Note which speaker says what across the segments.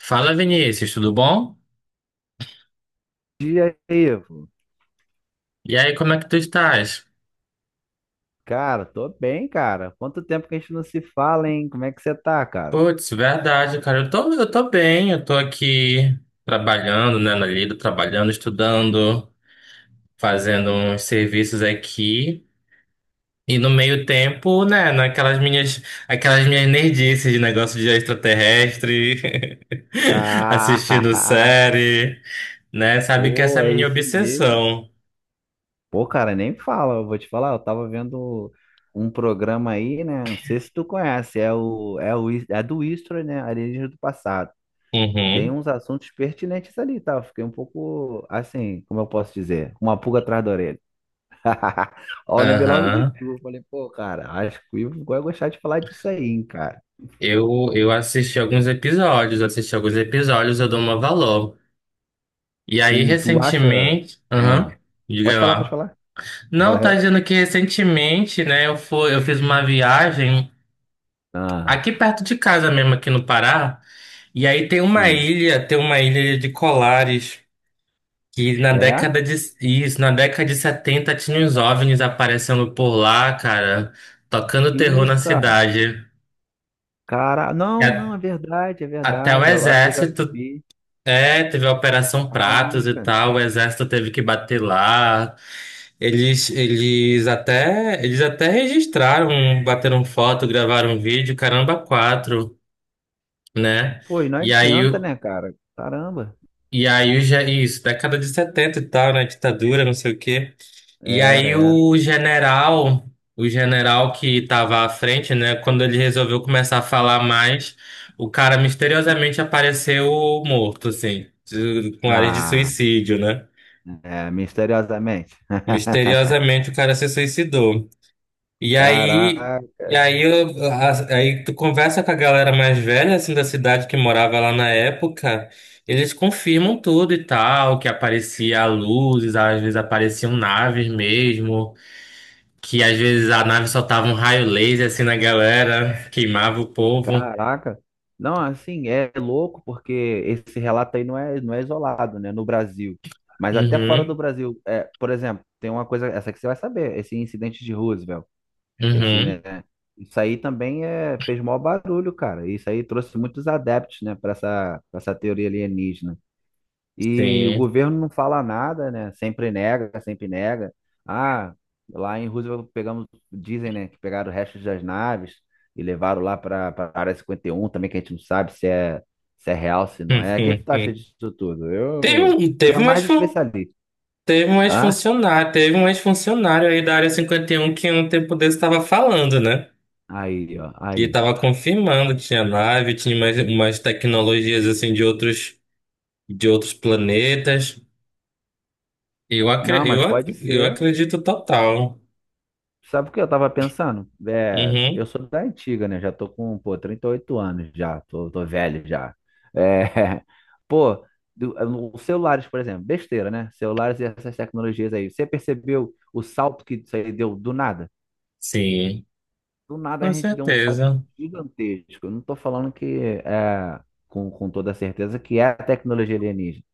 Speaker 1: Fala Vinícius, tudo bom?
Speaker 2: Dia, Ivo.
Speaker 1: E aí, como é que tu estás?
Speaker 2: Cara, tô bem, cara. Quanto tempo que a gente não se fala, hein? Como é que você tá, cara?
Speaker 1: Putz, verdade, cara, eu tô bem, eu tô aqui trabalhando, né, na lida, trabalhando, estudando, fazendo uns serviços aqui. E no meio tempo, né, aquelas minhas nerdices de negócio de extraterrestre, assistindo
Speaker 2: Ah,
Speaker 1: série, né, sabe que essa
Speaker 2: pô,
Speaker 1: é a
Speaker 2: é
Speaker 1: minha
Speaker 2: isso mesmo.
Speaker 1: obsessão.
Speaker 2: Pô, cara, nem fala. Eu vou te falar, eu tava vendo um programa aí, né? Não sei se tu conhece, é o é o é do History, né? Alienígenas do passado. Tem
Speaker 1: Uhum.
Speaker 2: uns assuntos pertinentes ali, tá? Eu fiquei um pouco assim, como eu posso dizer, uma pulga atrás da orelha. Ó, eu lembrei logo de
Speaker 1: Aham.
Speaker 2: tu. Falei, pô, cara, acho que o Ivo vai gostar de falar disso aí, hein, cara.
Speaker 1: Eu assisti alguns episódios, eu dou uma valor. E aí,
Speaker 2: Tu acha.
Speaker 1: recentemente. Aham,
Speaker 2: Ah,
Speaker 1: diga
Speaker 2: pode falar, pode
Speaker 1: lá.
Speaker 2: falar.
Speaker 1: Não, tá dizendo que recentemente, né, eu fiz uma viagem aqui
Speaker 2: Ah,
Speaker 1: perto de casa mesmo, aqui no Pará. E aí
Speaker 2: sim.
Speaker 1: tem uma ilha de Colares, que
Speaker 2: É?
Speaker 1: na década de 70 tinha uns OVNIs aparecendo por lá, cara, tocando
Speaker 2: Que
Speaker 1: terror
Speaker 2: isso,
Speaker 1: na
Speaker 2: cara?
Speaker 1: cidade.
Speaker 2: Cara,
Speaker 1: E
Speaker 2: não, não,
Speaker 1: a-
Speaker 2: é verdade, é
Speaker 1: Até o
Speaker 2: verdade. Eu acho que eu já
Speaker 1: exército
Speaker 2: vi.
Speaker 1: é, teve a Operação Pratos e
Speaker 2: Caraca.
Speaker 1: tal, o exército teve que bater lá. Eles até registraram, bateram foto, gravaram um vídeo, caramba, quatro, né?
Speaker 2: Pô, e não
Speaker 1: E aí,
Speaker 2: adianta,
Speaker 1: o-
Speaker 2: né, cara? Caramba.
Speaker 1: e aí o, ge- isso, Década de 70 e tal, né? Ditadura, não sei o quê. E
Speaker 2: Era,
Speaker 1: aí
Speaker 2: era.
Speaker 1: o general que estava à frente, né? Quando ele resolveu começar a falar mais, o cara misteriosamente apareceu morto, assim, com áreas de
Speaker 2: Ah,
Speaker 1: suicídio, né?
Speaker 2: é, misteriosamente.
Speaker 1: Misteriosamente o cara se suicidou. E aí,
Speaker 2: Caraca.
Speaker 1: e aí tu conversa com a galera mais velha assim da cidade que morava lá na época, eles confirmam tudo e tal, que aparecia luzes, às vezes apareciam naves mesmo, que às vezes a nave soltava um raio laser assim na galera, queimava o povo.
Speaker 2: Caraca. Não, assim, é louco porque esse relato aí não é isolado, né, no Brasil. Mas até fora do
Speaker 1: Uhum,
Speaker 2: Brasil, é, por exemplo, tem uma coisa, essa que você vai saber, esse incidente de Roosevelt, esse, né,
Speaker 1: uhum,
Speaker 2: isso aí também é, fez maior barulho, cara. Isso aí trouxe muitos adeptos, né, para pra essa teoria alienígena. E o
Speaker 1: sim.
Speaker 2: governo não fala nada, né? Sempre nega, sempre nega. Ah, lá em Roosevelt pegamos, dizem, né, que pegaram restos das naves e levaram lá para a Área 51. Também, que a gente não sabe se é real, se não é. O que que tu acha disso tudo?
Speaker 1: Teve um,
Speaker 2: Tu
Speaker 1: teve
Speaker 2: é
Speaker 1: umas
Speaker 2: mais
Speaker 1: fan-
Speaker 2: especialista. Ah,
Speaker 1: Teve um ex-funcionário aí da Área cinquenta e um que um tempo desse estava falando, né?
Speaker 2: aí, ó,
Speaker 1: Que
Speaker 2: aí.
Speaker 1: estava confirmando tinha nave, tinha mais umas tecnologias assim de outros planetas. Eu,
Speaker 2: Não,
Speaker 1: acre, eu,
Speaker 2: mas pode
Speaker 1: ac- eu
Speaker 2: ser.
Speaker 1: acredito total.
Speaker 2: Sabe o que eu tava pensando? É, eu
Speaker 1: Uhum.
Speaker 2: sou da antiga, né? Já tô com, pô, 38 anos já, tô velho já. É, pô, do- os celulares, por exemplo, besteira, né? Celulares e essas tecnologias aí. Você percebeu o salto que isso aí deu do nada?
Speaker 1: Sim,
Speaker 2: Do nada a
Speaker 1: com
Speaker 2: gente deu um salto
Speaker 1: certeza.
Speaker 2: gigantesco. Eu não tô falando que é, com toda certeza que é a tecnologia alienígena,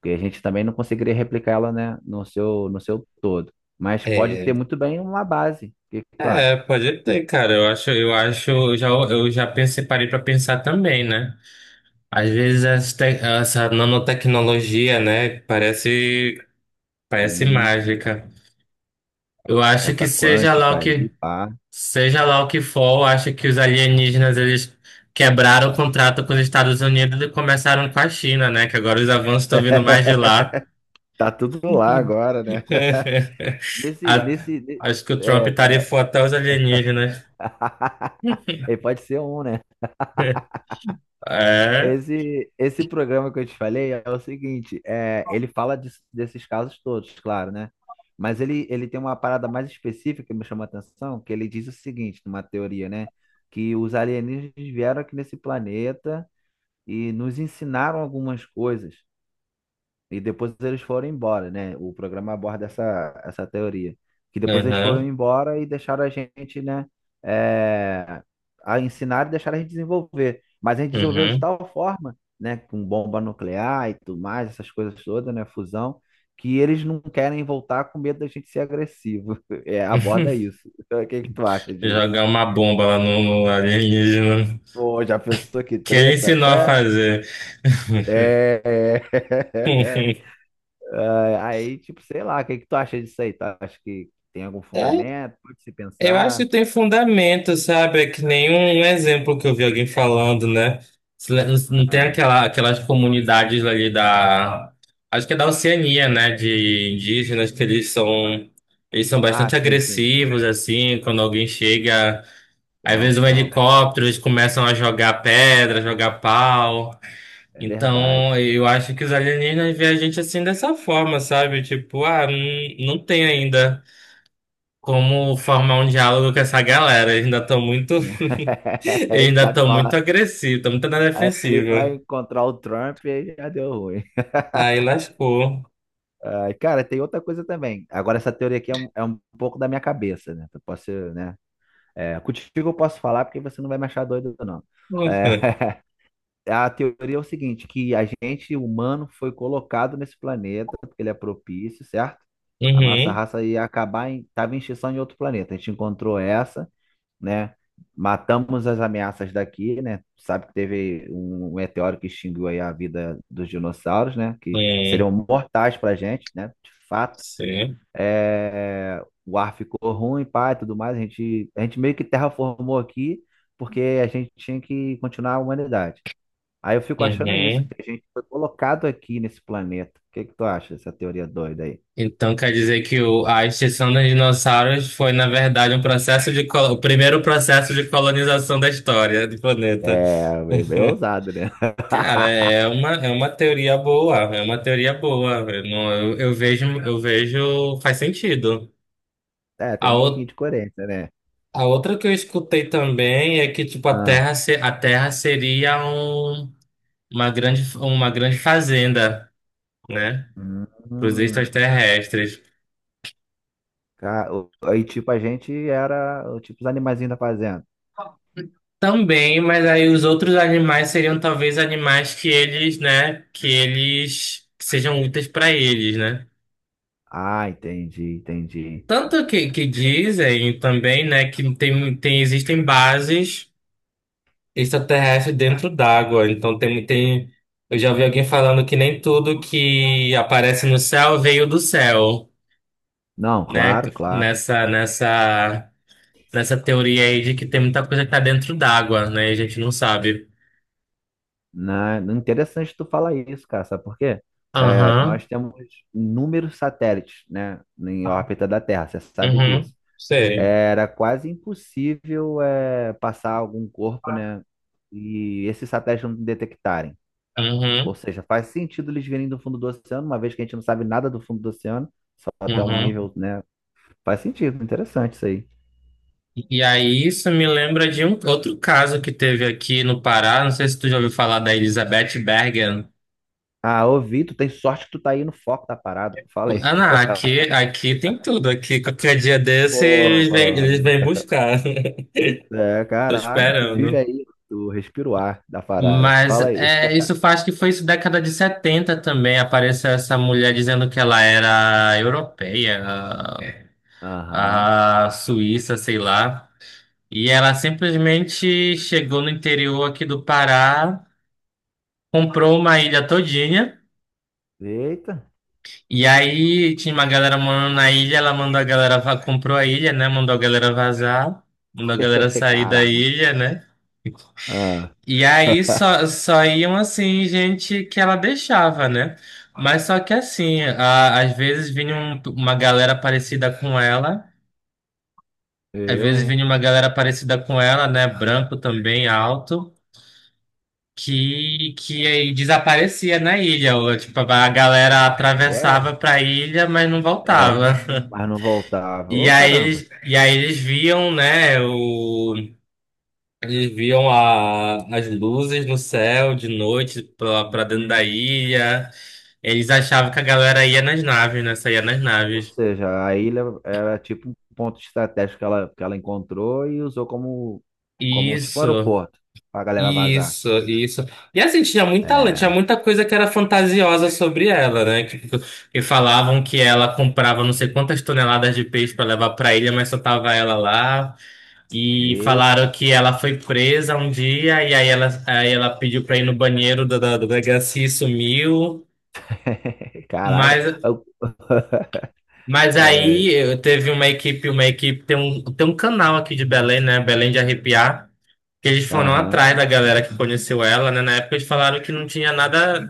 Speaker 2: porque a gente também não conseguiria replicar ela, né, no seu todo. Mas pode
Speaker 1: É,
Speaker 2: ter muito bem uma base. O que que tu acha?
Speaker 1: é, pode ter, cara. Eu já pensei, parei para pensar também, né? Às vezes essa, te- Essa nanotecnologia, né? Parece parece
Speaker 2: Isso,
Speaker 1: mágica. Eu acho que
Speaker 2: essa
Speaker 1: seja lá
Speaker 2: quântica
Speaker 1: o que
Speaker 2: aí, pá.
Speaker 1: Seja lá o que for, eu acho que os alienígenas eles quebraram o contrato com os Estados Unidos e começaram com a China, né? Que agora os avanços estão vindo mais de lá.
Speaker 2: Tá tudo lá agora, né? Nesse,
Speaker 1: A-
Speaker 2: nesse, ne-
Speaker 1: Acho que o Trump
Speaker 2: É, é.
Speaker 1: tarifou até os alienígenas.
Speaker 2: Ele pode ser um, né?
Speaker 1: É.
Speaker 2: Esse programa que eu te falei é o seguinte, é, ele fala desses casos todos, claro, né? Mas ele tem uma parada mais específica que me chama a atenção, que ele diz o seguinte, numa teoria, né? Que os alienígenas vieram aqui nesse planeta e nos ensinaram algumas coisas. E depois eles foram embora, né? O programa aborda essa teoria. Que depois eles foram
Speaker 1: Uhum.
Speaker 2: embora e deixaram a gente, né? É, a ensinar e deixaram a gente desenvolver. Mas a gente desenvolveu de
Speaker 1: Uhum.
Speaker 2: tal forma, né? Com bomba nuclear e tudo mais, essas coisas todas, né? Fusão, que eles não querem voltar com medo da gente ser agressivo. É, aborda isso. O que que tu acha disso?
Speaker 1: Jogar uma bomba lá no alienígena.
Speaker 2: Pô, já pensou que
Speaker 1: Que ele
Speaker 2: treta?
Speaker 1: ensinou
Speaker 2: Qual
Speaker 1: a
Speaker 2: é?
Speaker 1: fazer.
Speaker 2: É. Ah, aí, tipo, sei lá, o que que tu acha disso aí? Tu acha que tem algum
Speaker 1: É,
Speaker 2: fundamento? Pode se
Speaker 1: eu acho que
Speaker 2: pensar?
Speaker 1: tem fundamento, sabe? É que nenhum exemplo que eu vi alguém falando, né? Se le- Não tem
Speaker 2: Ah,
Speaker 1: aquela, aquelas comunidades ali da. Acho que é da Oceania, né? De indígenas, que eles são. Eles são
Speaker 2: ah,
Speaker 1: bastante
Speaker 2: sim, sim, sim.
Speaker 1: agressivos, assim, quando alguém chega. Às
Speaker 2: São,
Speaker 1: vezes um
Speaker 2: são.
Speaker 1: helicóptero, eles começam a jogar pedra, jogar pau.
Speaker 2: É
Speaker 1: Então,
Speaker 2: verdade.
Speaker 1: eu acho que os alienígenas veem a gente assim dessa forma, sabe? Tipo, ah, não, não tem ainda. Como formar um diálogo com essa galera? Eles ainda estão muito,
Speaker 2: Não-
Speaker 1: eles
Speaker 2: Ele
Speaker 1: ainda
Speaker 2: sabe
Speaker 1: estão
Speaker 2: falar.
Speaker 1: muito agressivos, estão muito na
Speaker 2: Aí ele vai
Speaker 1: defensiva.
Speaker 2: encontrar o Trump e aí já deu ruim.
Speaker 1: Aí lascou.
Speaker 2: Ah, cara, tem outra coisa também. Agora, essa teoria aqui é um, pouco da minha cabeça, né? Eu posso, né? É, contigo eu posso falar porque você não vai me achar doido, não. É, a teoria é o seguinte, que a gente humano foi colocado nesse planeta porque ele é propício, certo? A nossa
Speaker 1: Uhum.
Speaker 2: raça ia acabar tava em extinção em outro planeta. A gente encontrou essa, né? Matamos as ameaças daqui, né? Sabe que teve um meteoro que extinguiu aí a vida dos dinossauros, né? Que
Speaker 1: É,
Speaker 2: seriam mortais pra gente, né? De fato.
Speaker 1: sim.
Speaker 2: É, o ar ficou ruim, pá, e tudo mais. A gente meio que terraformou aqui porque a gente tinha que continuar a humanidade. Aí eu fico achando isso, que
Speaker 1: Uhum.
Speaker 2: a gente foi colocado aqui nesse planeta. O que que tu acha dessa teoria doida aí?
Speaker 1: Então quer dizer que a extinção dos dinossauros foi, na verdade, um processo de, o primeiro processo de colonização da história do planeta.
Speaker 2: É, bem, bem ousado, né?
Speaker 1: Cara, é uma teoria boa, é uma teoria boa. Eu, não- eu vejo, faz sentido.
Speaker 2: É,
Speaker 1: A
Speaker 2: tem um pouquinho
Speaker 1: ou-
Speaker 2: de coerência, né?
Speaker 1: A outra que eu escutei também é que, tipo, a
Speaker 2: Ah,
Speaker 1: Terra, se- a Terra seria uma grande fazenda, né? Para os
Speaker 2: hum,
Speaker 1: extraterrestres.
Speaker 2: aí, tipo, a gente era, tipo, os animaizinhos da fazenda.
Speaker 1: Também, mas aí os outros animais seriam talvez animais que eles, né? Que eles que sejam úteis para eles, né?
Speaker 2: Ah, entendi, entendi.
Speaker 1: Tanto que dizem também, né? Que tem, tem, existem bases. Extraterrestre dentro d'água. Então tem, tem. Eu já vi alguém falando que nem tudo que aparece no céu veio do céu,
Speaker 2: Não,
Speaker 1: né?
Speaker 2: claro, claro.
Speaker 1: Nessa, nessa, nessa teoria aí de que tem muita coisa que tá dentro d'água, né? E a gente não sabe.
Speaker 2: Interessante tu falar isso, cara, sabe por quê? É,
Speaker 1: Aham,
Speaker 2: nós temos inúmeros satélites, né, em órbita da Terra, você sabe
Speaker 1: uhum,
Speaker 2: disso.
Speaker 1: sei.
Speaker 2: Era quase impossível passar algum corpo, né? E esses satélites não detectarem. Ou
Speaker 1: Uhum,
Speaker 2: seja, faz sentido eles virem do fundo do oceano, uma vez que a gente não sabe nada do fundo do oceano, só até um
Speaker 1: uhum.
Speaker 2: nível, né? Faz sentido, interessante isso aí.
Speaker 1: E aí isso me lembra de um outro caso que teve aqui no Pará. Não sei se tu já ouviu falar da Elizabeth Bergen.
Speaker 2: Ah, ouvi, tu tem sorte que tu tá aí no foco da parada, falei.
Speaker 1: Ah, não, aqui tem tudo. Aqui, qualquer dia desse,
Speaker 2: Pô,
Speaker 1: eles vêm buscar.
Speaker 2: é,
Speaker 1: Tô
Speaker 2: caraca, tu vive
Speaker 1: esperando.
Speaker 2: aí, tu respira o ar da parada,
Speaker 1: Mas
Speaker 2: fala aí.
Speaker 1: é, isso faz que foi isso década de 70 também. Apareceu essa mulher dizendo que ela era europeia,
Speaker 2: Aham,
Speaker 1: a Suíça, sei lá. E ela simplesmente chegou no interior aqui do Pará, comprou uma ilha todinha.
Speaker 2: eita,
Speaker 1: E aí tinha uma galera morando na ilha, ela mandou a galera, va- comprou a ilha, né? Mandou a galera vazar, mandou a galera sair da
Speaker 2: caraca.
Speaker 1: ilha, né?
Speaker 2: Ah,
Speaker 1: E aí só iam assim, gente que ela deixava, né? Mas só que assim, às vezes vinha uma galera parecida com ela, às
Speaker 2: eu,
Speaker 1: vezes
Speaker 2: hein?
Speaker 1: vinha uma galera parecida com ela, né? Branco também, alto, que aí desaparecia na ilha. Ou, tipo, a galera
Speaker 2: Ué?
Speaker 1: atravessava pra ilha, mas não
Speaker 2: É.
Speaker 1: voltava.
Speaker 2: Mas não voltava. Ô, caramba.
Speaker 1: E aí eles viam, né, eles viam as luzes no céu de noite pra dentro da
Speaker 2: Hum,
Speaker 1: ilha. Eles achavam que a galera ia nas naves, né, saía nas
Speaker 2: Ou
Speaker 1: naves.
Speaker 2: seja, a ilha era tipo um ponto estratégico que ela encontrou e usou como tipo
Speaker 1: Isso,
Speaker 2: aeroporto pra galera vazar.
Speaker 1: isso. E assim, tinha
Speaker 2: É.
Speaker 1: muita coisa que era fantasiosa sobre ela, né, que falavam que ela comprava não sei quantas toneladas de peixe pra levar pra ilha, mas só tava ela lá. E falaram
Speaker 2: Eita.
Speaker 1: que ela foi presa um dia e aí ela pediu pra ir no banheiro da delegacia e sumiu.
Speaker 2: Caraca.
Speaker 1: Mas, mas
Speaker 2: É,
Speaker 1: aí teve uma equipe, tem um canal aqui de Belém, né? Belém de Arrepiar, que eles foram
Speaker 2: aham.
Speaker 1: atrás da galera que conheceu ela, né? Na época eles falaram que não tinha nada,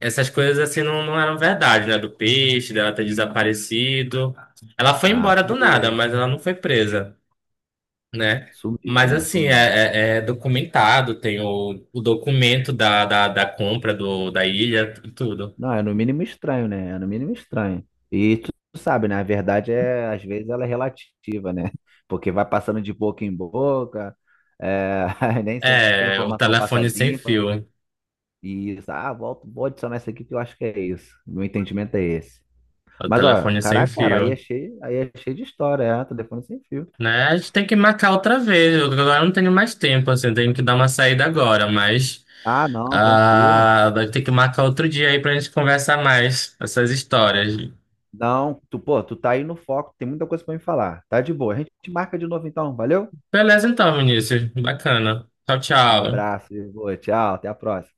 Speaker 1: essas coisas assim não eram verdade, né? Do peixe, dela ter desaparecido. Ela foi
Speaker 2: Ah,
Speaker 1: embora do nada,
Speaker 2: tudo
Speaker 1: mas ela não foi presa. Né?
Speaker 2: sumiu,
Speaker 1: Mas
Speaker 2: né?
Speaker 1: assim,
Speaker 2: Sumiu.
Speaker 1: é documentado, tem o documento da compra da ilha e tudo.
Speaker 2: Não, é no mínimo estranho, né? É no mínimo estranho. E tu sabe, né? A verdade é, às vezes, ela é relativa, né? Porque vai passando de boca em boca, é, nem sempre a
Speaker 1: É, o
Speaker 2: informação passa
Speaker 1: telefone sem
Speaker 2: limpa.
Speaker 1: fio.
Speaker 2: E isso, ah, volto, vou adicionar isso aqui que eu acho que é isso. Meu entendimento é esse.
Speaker 1: O
Speaker 2: Mas, ó,
Speaker 1: telefone sem
Speaker 2: caraca, cara,
Speaker 1: fio.
Speaker 2: aí é cheio de história, é, telefone sem fio.
Speaker 1: Né? A gente tem que marcar outra vez. Eu agora não tenho mais tempo, assim, eu tenho que dar uma saída agora, mas
Speaker 2: Ah, não, tranquilo.
Speaker 1: ah, vai ter que marcar outro dia aí pra gente conversar mais essas histórias.
Speaker 2: Não, tu, pô, tu tá aí no foco, tem muita coisa pra me falar. Tá de boa. A gente marca de novo então, valeu?
Speaker 1: Beleza então, Vinícius. Bacana. Tchau, tchau.
Speaker 2: Abraço, Ivo, tchau, até a próxima.